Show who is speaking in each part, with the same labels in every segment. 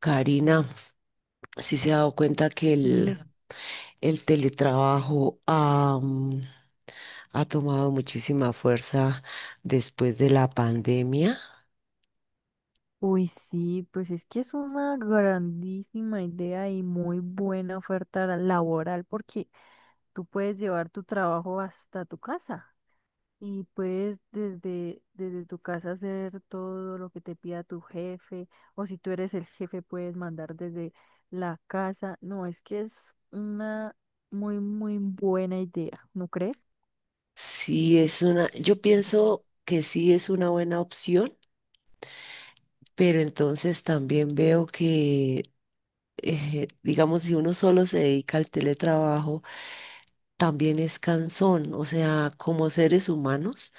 Speaker 1: Karina, si se ha dado cuenta que el,
Speaker 2: Me
Speaker 1: el teletrabajo ha, ha tomado muchísima fuerza después de la pandemia.
Speaker 2: Uy, sí, pues es que es una grandísima idea y muy buena oferta laboral porque tú puedes llevar tu trabajo hasta tu casa y puedes desde tu casa hacer todo lo que te pida tu jefe, o si tú eres el jefe puedes mandar desde la casa. No, es que es una muy, muy buena idea, ¿no crees?
Speaker 1: Sí es una, yo pienso que sí es una buena opción, pero entonces también veo que digamos, si uno solo se dedica al teletrabajo, también es cansón. O sea, como seres humanos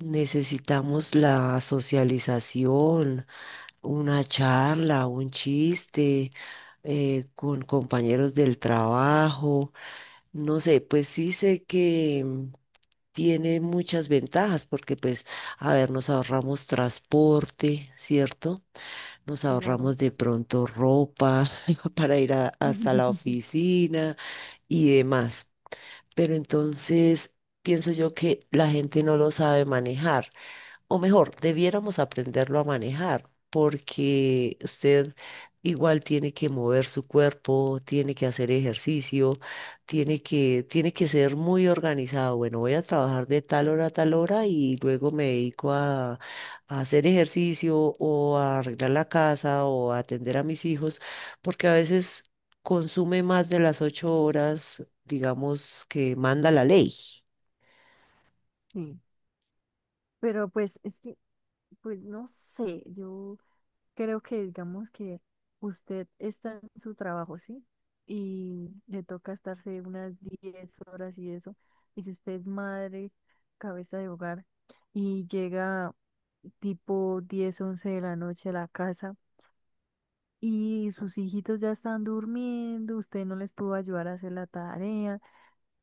Speaker 1: necesitamos la socialización, una charla, un chiste. Con compañeros del trabajo, no sé, pues sí sé que tiene muchas ventajas porque pues, a ver, nos ahorramos transporte, ¿cierto? Nos
Speaker 2: Claro.
Speaker 1: ahorramos de pronto ropa para hasta la oficina y demás. Pero entonces pienso yo que la gente no lo sabe manejar o mejor, debiéramos aprenderlo a manejar, porque usted igual tiene que mover su cuerpo, tiene que hacer ejercicio, tiene que ser muy organizado. Bueno, voy a trabajar de tal hora a tal hora y luego me dedico a hacer ejercicio o a arreglar la casa o a atender a mis hijos, porque a veces consume más de las 8 horas, digamos, que manda la ley.
Speaker 2: Sí, pero pues es que, pues no sé, yo creo que digamos que usted está en su trabajo, ¿sí? Y le toca estarse unas 10 horas y eso. Y si usted es madre, cabeza de hogar, y llega tipo 10, 11 de la noche a la casa y sus hijitos ya están durmiendo, usted no les pudo ayudar a hacer la tarea,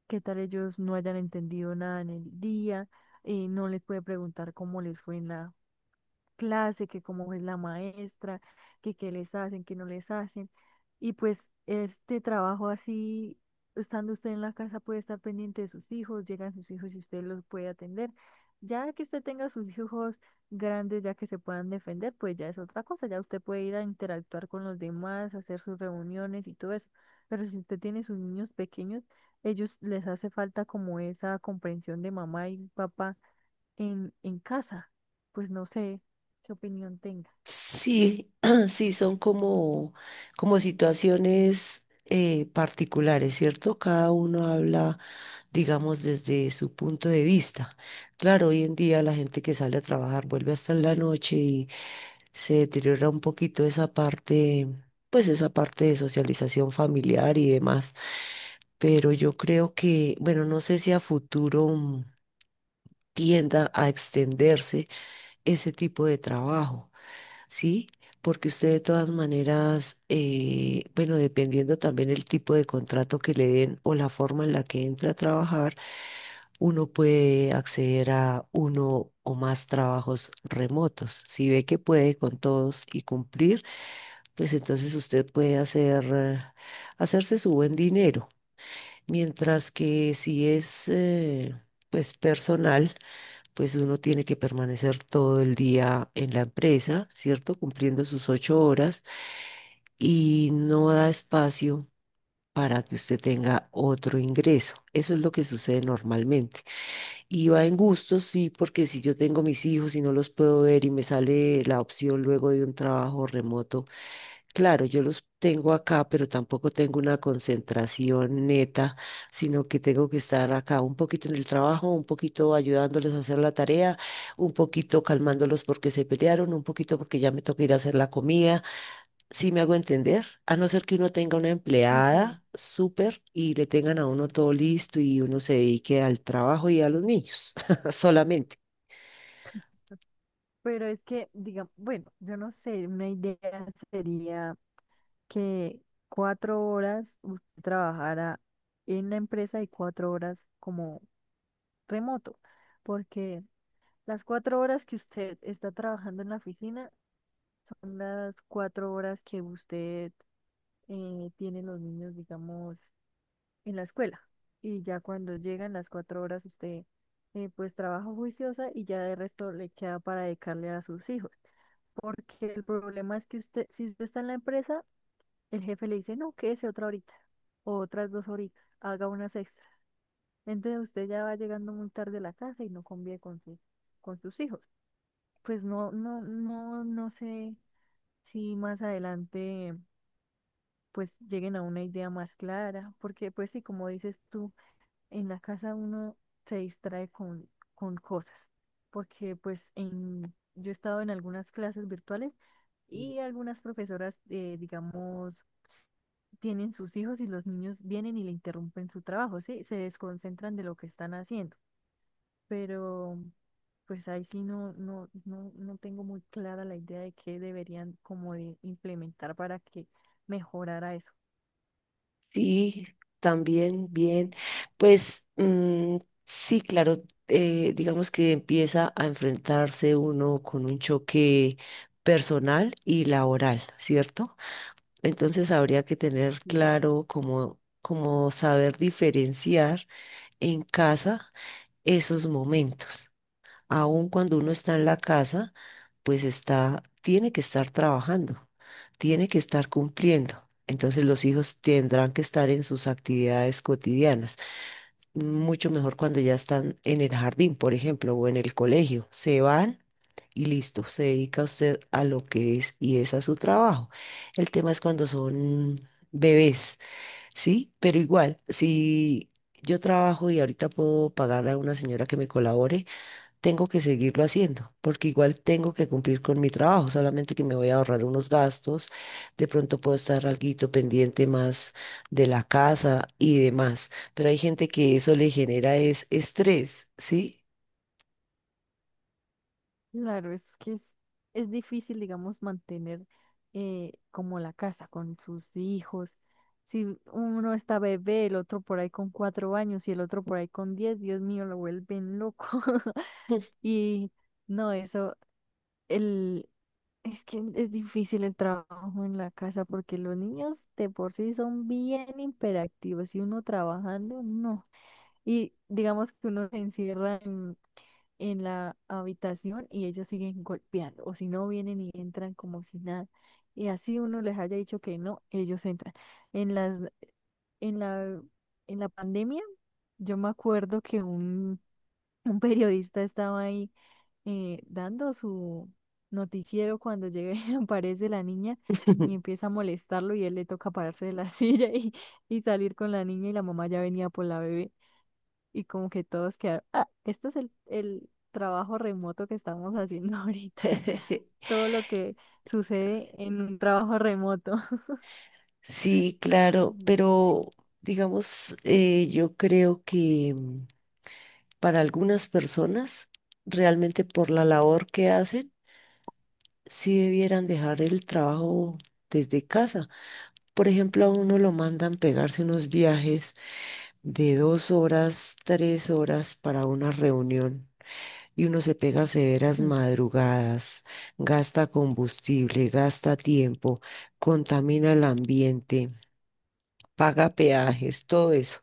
Speaker 2: qué tal ellos no hayan entendido nada en el día, no les puede preguntar cómo les fue en la clase, que cómo es la maestra, que qué les hacen, qué no les hacen. Y pues este trabajo así, estando usted en la casa, puede estar pendiente de sus hijos, llegan sus hijos y usted los puede atender. Ya que usted tenga sus hijos grandes, ya que se puedan defender, pues ya es otra cosa, ya usted puede ir a interactuar con los demás, hacer sus reuniones y todo eso. Pero si usted tiene sus niños pequeños, ellos les hace falta como esa comprensión de mamá y papá en casa. Pues no sé qué opinión tenga.
Speaker 1: Sí, sí, son como, como situaciones particulares, ¿cierto? Cada uno habla, digamos, desde su punto de vista. Claro, hoy en día la gente que sale a trabajar vuelve hasta en la noche y se deteriora un poquito esa parte, pues esa parte de socialización familiar y demás. Pero yo creo que, bueno, no sé si a futuro tienda a extenderse ese tipo de trabajo. Sí, porque usted de todas maneras, bueno, dependiendo también el tipo de contrato que le den o la forma en la que entra a trabajar, uno puede acceder a uno o más trabajos remotos. Si ve que puede con todos y cumplir, pues entonces usted puede hacerse su buen dinero. Mientras que si es, pues personal pues uno tiene que permanecer todo el día en la empresa, ¿cierto? Cumpliendo sus 8 horas y no da espacio para que usted tenga otro ingreso. Eso es lo que sucede normalmente. Y va en gustos, sí, porque si yo tengo mis hijos y no los puedo ver y me sale la opción luego de un trabajo remoto. Claro, yo los tengo acá, pero tampoco tengo una concentración neta, sino que tengo que estar acá un poquito en el trabajo, un poquito ayudándoles a hacer la tarea, un poquito calmándolos porque se pelearon, un poquito porque ya me toca ir a hacer la comida. Si me hago entender, a no ser que uno tenga una
Speaker 2: Sí, claro.
Speaker 1: empleada súper y le tengan a uno todo listo y uno se dedique al trabajo y a los niños solamente.
Speaker 2: Pero es que, digamos, bueno, yo no sé, una idea sería que 4 horas usted trabajara en la empresa y 4 horas como remoto, porque las 4 horas que usted está trabajando en la oficina son las 4 horas que usted tiene los niños, digamos, en la escuela. Y ya cuando llegan las 4 horas, usted pues trabaja juiciosa y ya de resto le queda para dedicarle a sus hijos. Porque el problema es que usted, si usted está en la empresa, el jefe le dice, no, quédese otra horita, o otras 2 horitas, haga unas extras. Entonces usted ya va llegando muy tarde a la casa y no convive con sus hijos. Pues no, no, no, no sé si más adelante pues lleguen a una idea más clara, porque pues sí, como dices tú, en la casa uno se distrae con cosas, porque yo he estado en algunas clases virtuales y algunas profesoras, digamos, tienen sus hijos y los niños vienen y le interrumpen su trabajo, ¿sí? Se desconcentran de lo que están haciendo, pero pues ahí sí no, no, no, no tengo muy clara la idea de qué deberían como de implementar para que mejorara eso.
Speaker 1: Sí, también, bien. Pues mm, sí, claro, digamos que empieza a enfrentarse uno con un choque personal y laboral, ¿cierto? Entonces habría que tener claro cómo saber diferenciar en casa esos momentos aun cuando uno está en la casa, pues tiene que estar trabajando, tiene que estar cumpliendo. Entonces los hijos tendrán que estar en sus actividades cotidianas. Mucho mejor cuando ya están en el jardín, por ejemplo, o en el colegio. Se van y listo, se dedica usted a lo que es y es a su trabajo. El tema es cuando son bebés, ¿sí? Pero igual, si yo trabajo y ahorita puedo pagarle a una señora que me colabore, tengo que seguirlo haciendo, porque igual tengo que cumplir con mi trabajo, solamente que me voy a ahorrar unos gastos, de pronto puedo estar alguito pendiente más de la casa y demás, pero hay gente que eso le genera es estrés, ¿sí?
Speaker 2: Claro, es que es difícil, digamos, mantener como la casa con sus hijos. Si uno está bebé, el otro por ahí con 4 años y el otro por ahí con 10, Dios mío, lo vuelven loco. Y no, eso, el, es que es difícil el trabajo en la casa porque los niños de por sí son bien hiperactivos y uno trabajando, no. Y digamos que uno se encierra en la habitación y ellos siguen golpeando, o si no vienen y entran como si nada. Y así uno les haya dicho que no, ellos entran. En las, en la, en la pandemia, yo me acuerdo que un, un periodista estaba ahí dando su noticiero cuando llega y aparece la niña y empieza a molestarlo y él le toca pararse de la silla y salir con la niña y la mamá ya venía por la bebé y como que todos quedaron, ah, esto es el trabajo remoto que estamos haciendo ahorita, todo lo que sucede en un trabajo remoto.
Speaker 1: Sí, claro,
Speaker 2: Ujú.
Speaker 1: pero digamos, yo creo que para algunas personas, realmente por la labor que hacen, sí debieran dejar el trabajo desde casa. Por ejemplo, a uno lo mandan pegarse unos viajes de 2 horas, 3 horas para una reunión y uno se pega severas madrugadas, gasta combustible, gasta tiempo, contamina el ambiente, paga peajes, todo eso.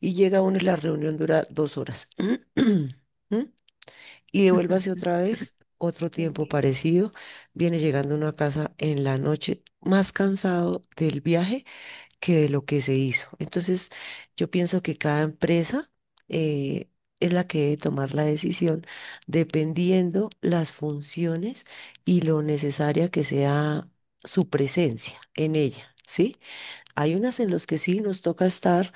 Speaker 1: Y llega uno y la reunión dura 2 horas. ¿Mm? Y devuélvase otra vez, otro tiempo parecido. Viene llegando a una casa en la noche más cansado del viaje que de lo que se hizo. Entonces, yo pienso que cada empresa eh, es la que debe tomar la decisión dependiendo las funciones y lo necesaria que sea su presencia en ella, ¿sí? Hay unas en las que sí nos toca estar,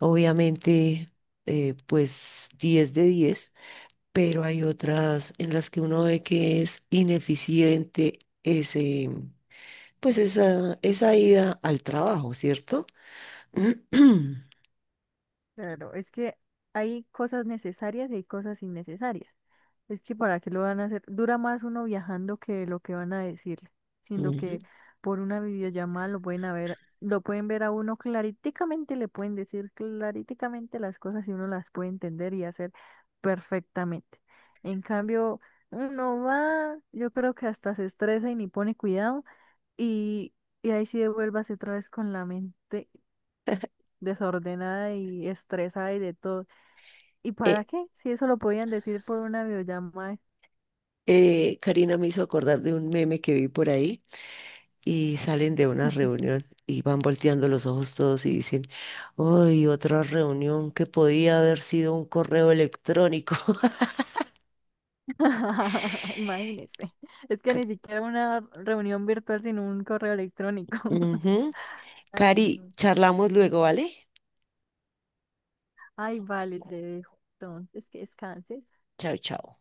Speaker 1: obviamente, pues 10 de 10, pero hay otras en las que uno ve que es ineficiente ese... Pues esa ida al trabajo, ¿cierto?
Speaker 2: Claro, es que hay cosas necesarias y hay cosas innecesarias. Es que para qué lo van a hacer. Dura más uno viajando que lo que van a decir, siendo
Speaker 1: Ujú.
Speaker 2: que por una videollamada lo pueden a ver, lo pueden ver a uno claríticamente, le pueden decir claríticamente las cosas y uno las puede entender y hacer perfectamente. En cambio, uno va, yo creo que hasta se estresa y ni pone cuidado y, y ahí sí devuélvase otra vez con la mente desordenada y estresada y de todo. ¿Y para
Speaker 1: Eh,
Speaker 2: qué? Si eso lo podían decir por una videollamada.
Speaker 1: Karina me hizo acordar de un meme que vi por ahí y salen de una reunión y van volteando los ojos todos y dicen, ¡Uy, otra reunión que podía haber sido un correo electrónico!
Speaker 2: Imagínese. Es que
Speaker 1: Ca-
Speaker 2: ni siquiera una reunión virtual, sino un correo electrónico.
Speaker 1: Ujú.
Speaker 2: Ay,
Speaker 1: Cari,
Speaker 2: no.
Speaker 1: charlamos luego, ¿vale?
Speaker 2: Ay, vale, te dejo. Entonces, que descanses.
Speaker 1: Chao, chao.